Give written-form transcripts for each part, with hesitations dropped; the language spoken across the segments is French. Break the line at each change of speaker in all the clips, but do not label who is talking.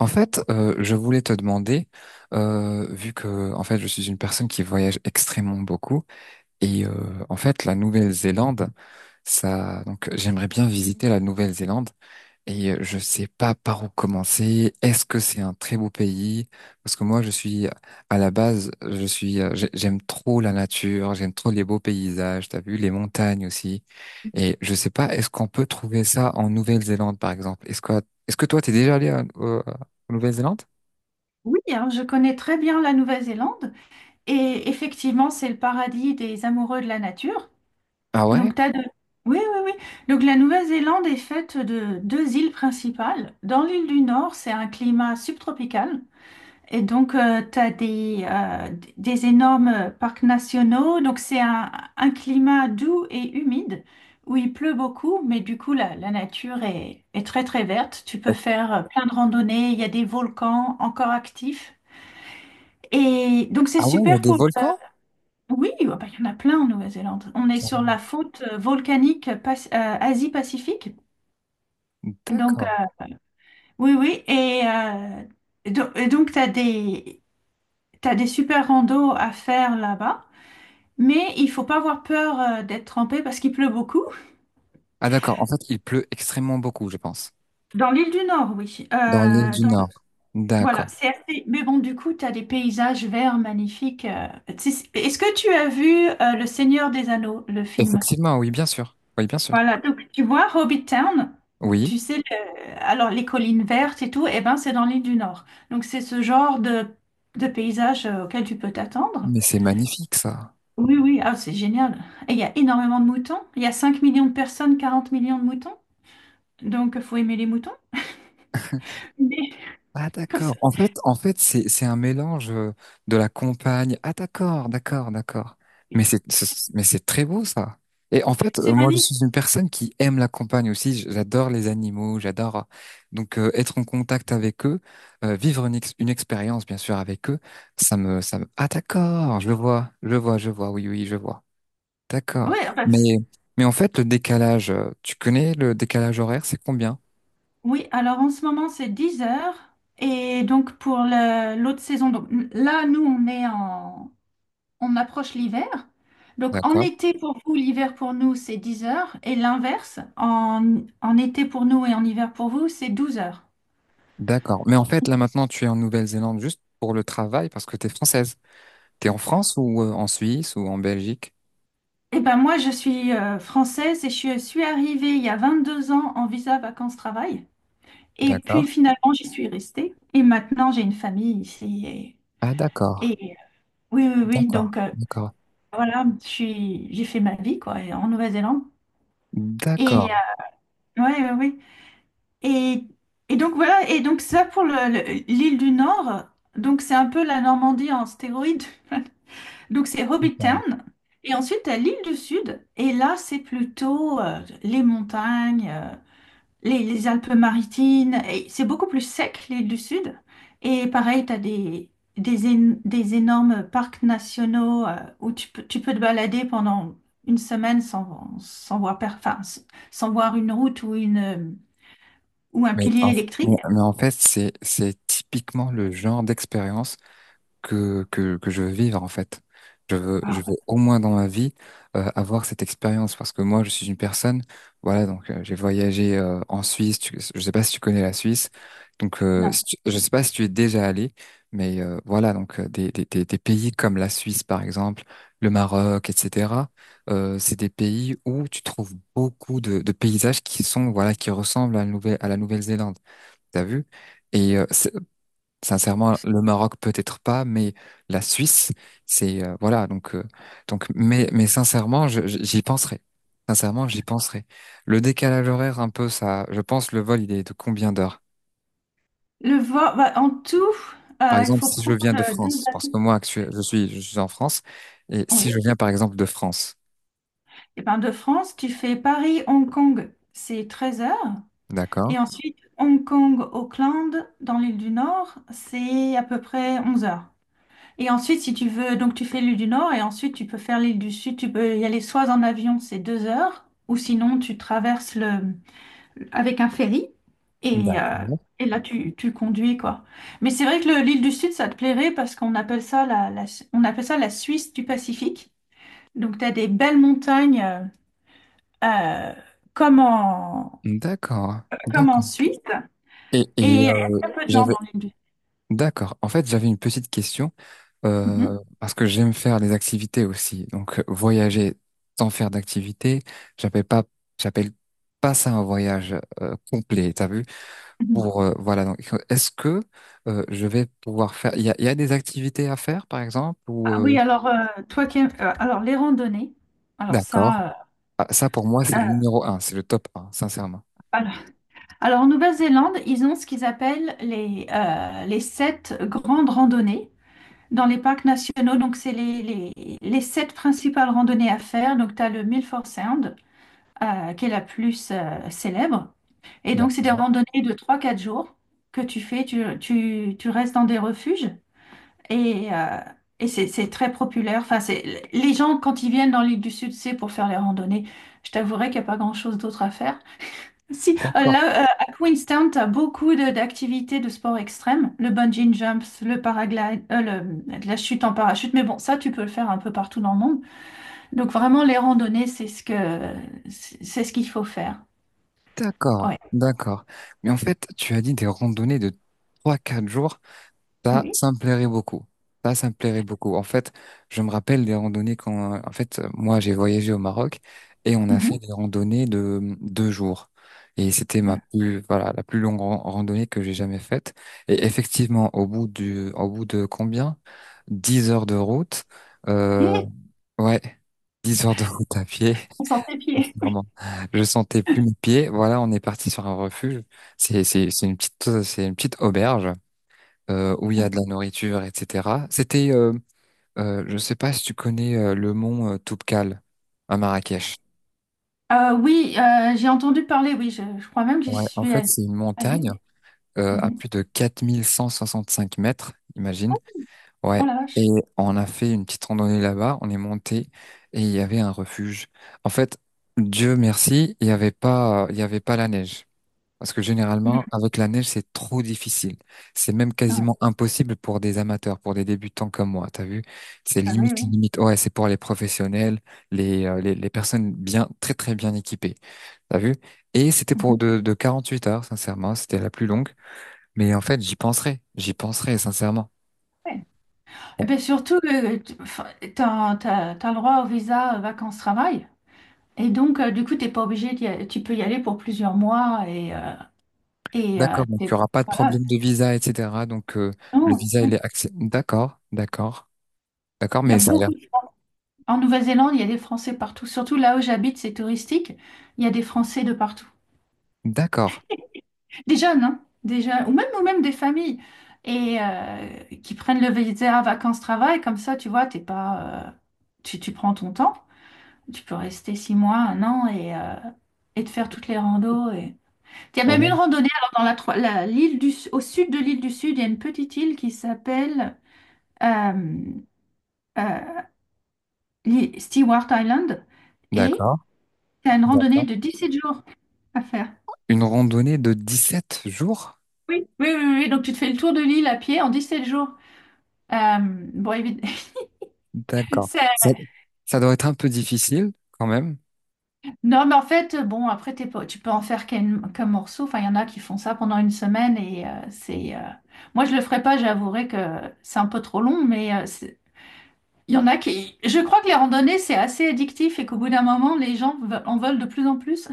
En fait, je voulais te demander, vu que en fait je suis une personne qui voyage extrêmement beaucoup, et en fait la Nouvelle-Zélande, ça, donc j'aimerais bien visiter la Nouvelle-Zélande, et je sais pas par où commencer. Est-ce que c'est un très beau pays? Parce que moi je suis à la base, je suis, j'aime trop la nature, j'aime trop les beaux paysages, t'as vu les montagnes aussi, et je sais pas, est-ce qu'on peut trouver ça en Nouvelle-Zélande par exemple? Est-ce que toi t'es déjà allé en Nouvelle-Zélande?
Oui, hein, je connais très bien la Nouvelle-Zélande et effectivement, c'est le paradis des amoureux de la nature.
Ah ouais?
Donc, t'as de... Oui, oui, oui. Donc, la Nouvelle-Zélande est faite de deux îles principales. Dans l'île du Nord, c'est un climat subtropical. Et donc, tu as des énormes parcs nationaux. Donc, c'est un climat doux et humide où il pleut beaucoup, mais du coup, la nature est très, très verte. Tu peux
Euh,
faire plein de randonnées. Il y a des volcans encore actifs. Et donc c'est
Ah ouais, il y a
super
des
pour...
volcans?
Oui, ah bah, il y en a plein en Nouvelle-Zélande. On est sur
Carrément.
la faute volcanique Asie-Pacifique. Donc
D'accord.
oui, oui. Et donc tu as t'as des super randos à faire là-bas. Mais il faut pas avoir peur d'être trempé parce qu'il pleut beaucoup.
Ah d'accord, en fait, il pleut extrêmement beaucoup, je pense.
Dans l'île du Nord, oui.
Dans l'île du
Dans-
Nord. D'accord.
Voilà, c'est assez... Mais bon, du coup, tu as des paysages verts magnifiques. Est-ce que tu as vu Le Seigneur des Anneaux, le film?
Effectivement, oui, bien sûr. Oui, bien sûr.
Voilà, donc tu vois, Hobbit Town,
Oui,
tu sais, alors les collines vertes et tout, eh ben c'est dans l'île du Nord. Donc c'est ce genre de paysage auquel tu peux t'attendre.
mais c'est magnifique, ça.
Oui, oui, ah, c'est génial. Et il y a énormément de moutons. Il y a 5 millions de personnes, 40 millions de moutons. Donc faut aimer les moutons. Mais
Ah
comme ça,
d'accord. En fait, c'est un mélange de la campagne. Ah d'accord, d'accord, d'accord. Mais
c'est
c'est très beau ça. Et en fait,
c'est
moi, je
magnifique.
suis une personne qui aime la campagne aussi. J'adore les animaux, j'adore donc être en contact avec eux, vivre une expérience bien sûr avec eux. Ça me. Ah d'accord, je vois, je vois, je vois. Oui, oui, je vois. D'accord.
Oui, enfin,
Mais
c'est-
mais en fait, le décalage, tu connais le décalage horaire, c'est combien?
oui, alors en ce moment c'est 10 heures. Et donc pour l'autre saison, donc là nous on approche l'hiver. Donc en été pour vous, l'hiver pour nous, c'est 10 heures. Et l'inverse, en été pour nous et en hiver pour vous, c'est 12 heures.
D'accord. Mais en fait, là maintenant, tu es en Nouvelle-Zélande juste pour le travail parce que tu es française. Tu es en France ou en Suisse ou en Belgique?
Eh ben moi, je suis française et je suis arrivée il y a 22 ans en visa vacances-travail. Et
D'accord.
puis finalement, j'y suis restée. Et maintenant, j'ai une famille ici.
Ah,
Et,
d'accord.
et- oui, oui, oui.
D'accord.
Donc
D'accord.
voilà, j'ai fait ma vie quoi, en Nouvelle-Zélande. Et
D'accord.
oui, oui, oui. Et, et donc voilà, et donc ça pour l'île du Nord, donc c'est un peu la Normandie en stéroïde. Donc c'est Hobbit
D'accord.
Town. Et ensuite, t'as l'île du Sud, et là, c'est plutôt les montagnes, les Alpes-Maritimes, et c'est beaucoup plus sec, l'île du Sud. Et pareil, t'as des énormes parcs nationaux où tu peux te balader pendant une semaine sans voir, enfin, sans voir une route ou un
Mais
pilier
en, mais
électrique.
mais en fait, c'est typiquement le genre d'expérience que je veux vivre en fait. Je veux au moins dans ma vie avoir cette expérience parce que moi je suis une personne, voilà, donc j'ai voyagé en Suisse, je sais pas si tu connais la Suisse, donc
Non.
si tu- je sais pas si tu es déjà allé, mais voilà, donc des pays comme la Suisse par exemple, le Maroc, etc., c'est des pays où tu trouves beaucoup de paysages qui sont, voilà, qui ressemblent à la Nouvelle-Zélande, t'as vu? Et sincèrement, le Maroc peut-être pas, mais la Suisse, c'est voilà. Donc, mais sincèrement, j'y penserai. Sincèrement, j'y penserai. Le décalage horaire, un peu ça. Je pense le vol, il est de combien d'heures?
Le vol, bah, en tout,
Par
il
exemple,
faut
si je
prendre
viens de
deux
France, parce que
avions.
moi, je suis en France, et si je
Oui.
viens par exemple de France,
Et ben, de France, tu fais Paris-Hong Kong, c'est 13 heures.
d'accord?
Et ensuite, Hong Kong-Auckland, dans l'île du Nord, c'est à peu près 11 heures. Et ensuite, si tu veux, donc tu fais l'île du Nord et ensuite tu peux faire l'île du Sud. Tu peux y aller soit en avion, c'est 2 heures, ou sinon tu traverses avec un ferry et, euh,
D'accord.
et là tu conduis quoi. Mais c'est vrai que l'île du Sud ça te plairait parce qu'on appelle ça on appelle ça la Suisse du Pacifique. Donc tu as des belles montagnes euh, comme en,
D'accord.
comme en
D'accord.
Suisse
Et,
et
et
il y a très peu de gens
j'avais,
dans l'île du Sud.
d'accord. En fait, j'avais une petite question.
Mhm,
Parce que j'aime faire des activités aussi. Donc, voyager sans faire d'activité, j'appelle pas, j'appelle pas ça un voyage complet, t'as vu?
mhm.
Pour, voilà, donc, est-ce que je vais pouvoir faire. Il y a des activités à faire, par exemple, ou.
Ah oui, alors toi qui alors les randonnées, alors
D'accord.
ça
Ah, ça, pour moi, c'est
euh, euh,
le numéro un, c'est le top un, sincèrement.
alors, alors, en Nouvelle-Zélande, ils ont ce qu'ils appellent les sept grandes randonnées. Dans les parcs nationaux, donc c'est les sept principales randonnées à faire. Donc tu as le Milford Sound, qui est la plus célèbre. Et donc c'est des
D'accord.
randonnées de trois quatre jours que tu fais. Tu restes dans des refuges et, euh, et c'est très populaire. Enfin, les gens, quand ils viennent dans l'île du Sud, c'est pour faire les randonnées. Je t'avouerai qu'il n'y a pas grand-chose d'autre à faire. Si,
D'accord.
là, à Queenstown, tu as beaucoup d'activités de sport extrême, le bungee jumps, le paraglide, la chute en parachute, mais bon, ça, tu peux le faire un peu partout dans le monde. Donc, vraiment, les randonnées, c'est ce qu'il faut faire.
D'accord.
Ouais.
D'accord. Mais en fait, tu as dit des randonnées de 3, 4 jours.
Ah
Ça,
oui.
ça me plairait beaucoup. Ça me plairait beaucoup. En fait, je me rappelle des randonnées quand, en fait, moi, j'ai voyagé au Maroc et on a fait
Mhm.
des randonnées de 2 jours. Et c'était ma
Mhm.
plus, voilà, la plus longue randonnée que j'ai jamais faite. Et effectivement, au bout de combien? 10 heures de route, euh, ouais, 10 heures de route à pied.
On sent les pieds.
Vraiment. Je sentais plus mes pieds. Voilà, on est parti sur un refuge. C'est une petite auberge où il y a de la nourriture, etc. C'était, je sais pas si tu connais le mont Toubkal à Marrakech.
Oui, j'ai entendu parler, oui, je crois même que j'y
Ouais, en
suis
fait,
allée.
c'est une
Allée,
montagne
oui.
à
Mhm.
plus de 4165 mètres, imagine.
Oh
Ouais.
la vache.
Et on a fait une petite randonnée là-bas, on est monté et il y avait un refuge. En fait, Dieu merci, il y avait pas la neige. Parce que généralement,
Mhm.
avec la neige, c'est trop difficile. C'est même
Ah ouais.
quasiment impossible pour des amateurs, pour des débutants comme moi. T'as vu? C'est
Ah oui,
limite,
oui.
limite. Ouais, c'est pour les professionnels, les personnes bien, très, très bien équipées. T'as vu? Et c'était
Mhm.
pour de 48 heures, sincèrement. C'était la plus longue. Mais en fait, j'y penserai. J'y penserai, sincèrement.
Ouais. Eh
Bon,
bien, surtout, tu as le droit au visa vacances-travail. Et donc, du coup, t'es pas obligé d'y aller. Tu peux y aller pour plusieurs mois. Et euh,
d'accord. Donc, il
t'es-
n'y aura pas de
voilà,
problème de visa, etc. Donc, le
non,
visa,
non.
il est accès. D'accord, d'accord, d'accord.
Il y a
Mais ça a l'air.
beaucoup de... En Nouvelle-Zélande, il y a des Français partout. Surtout là où j'habite, c'est touristique. Il y a des Français de partout.
D'accord.
Des jeunes, hein, des jeunes, ou même des familles. Et qui prennent le visa vacances-travail. Comme ça, tu vois, t'es pas, tu, tu prends ton temps. Tu peux rester 6 mois, un an et te faire toutes les randos. Et... Il y a même
Ouais,
une randonnée alors, dans la, Tro- la- l'île du, au sud de l'île du Sud, il y a une petite île qui s'appelle euh, euh, l'île Stewart Island et
d'accord.
tu as une randonnée
D'accord.
de 17 jours à faire.
Une randonnée de 17 jours?
Oui, oui, oui, oui. Donc tu te fais le tour de l'île à pied en 17 jours. Bon, évidemment,
D'accord. Ça doit être un peu difficile quand même.
Non, mais en fait, bon, après, t'es pas- tu peux en faire qu'un morceau. Enfin, il y en a qui font ça pendant une semaine et c'est. Moi, je le ferais pas, j'avouerai que c'est un peu trop long, mais il y en a qui. Je crois que les randonnées, c'est assez addictif et qu'au bout d'un moment, les gens en veulent de plus en plus.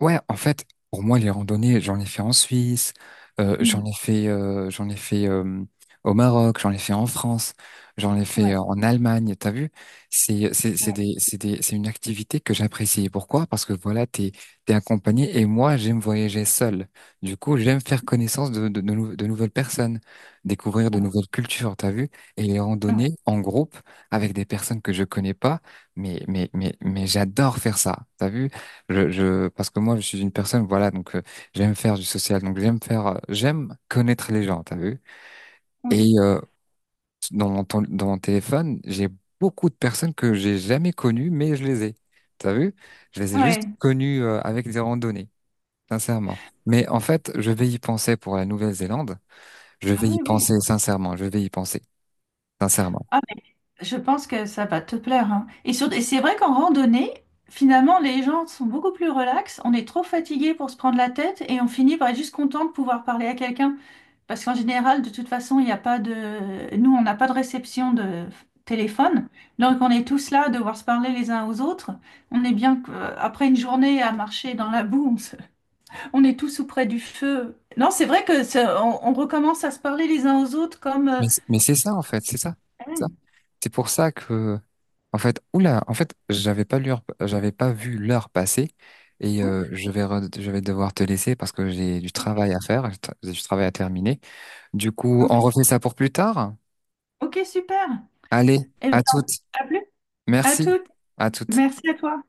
Ouais, en fait, pour moi, les randonnées, j'en ai fait en Suisse,
Mm.
j'en ai fait au Maroc, j'en ai fait en France, j'en ai fait
Ouais,
en Allemagne. T'as vu?
ouais,
C'est une activité que j'apprécie. Pourquoi? Parce que voilà, t'es accompagné et moi, j'aime voyager seul. Du coup, j'aime faire connaissance de nouvelles personnes, découvrir
ah
de
ouais,
nouvelles cultures. T'as vu? Et les
ah ouais,
randonnées en groupe avec des personnes que je connais pas, mais j'adore faire ça. T'as vu? Parce que moi, je suis une personne, voilà, donc j'aime faire du social, donc j'aime faire, j'aime connaître les gens, t'as vu?
oui,
Et dans mon téléphone, j'ai beaucoup de personnes que j'ai jamais connues, mais je les ai, t'as vu? Je les ai juste
ouais.
connues avec des randonnées, sincèrement. Mais en fait, je vais y penser pour la Nouvelle-Zélande, je
Ah
vais y
oui, oui.
penser sincèrement, je vais y penser sincèrement.
Ah, mais je pense que ça va te plaire, hein. Et c'est vrai qu'en randonnée, finalement, les gens sont beaucoup plus relax. On est trop fatigué pour se prendre la tête et on finit par être juste content de pouvoir parler à quelqu'un. Parce qu'en général, de toute façon, il n'y a pas de... Nous, on n'a pas de réception de téléphone. Donc, on est tous là à devoir se parler les uns aux autres. On est bien après une journée à marcher dans la boue, on est tous auprès du feu. Non, c'est vrai que on recommence à se parler les uns aux autres comme...
Mais c'est ça, en fait, c'est ça. C'est
Ah,
ça. C'est pour ça que, en fait, oula, en fait, j'avais pas l'heure, j'avais pas vu l'heure passer et
oh,
je vais devoir te laisser parce que j'ai du
OK,
travail à faire, j'ai du travail à terminer. Du coup,
ok,
on refait ça pour plus tard.
ok, super.
Allez,
Eh
à
bien,
toutes.
à plus. À
Merci.
toutes.
À toutes.
Merci à toi.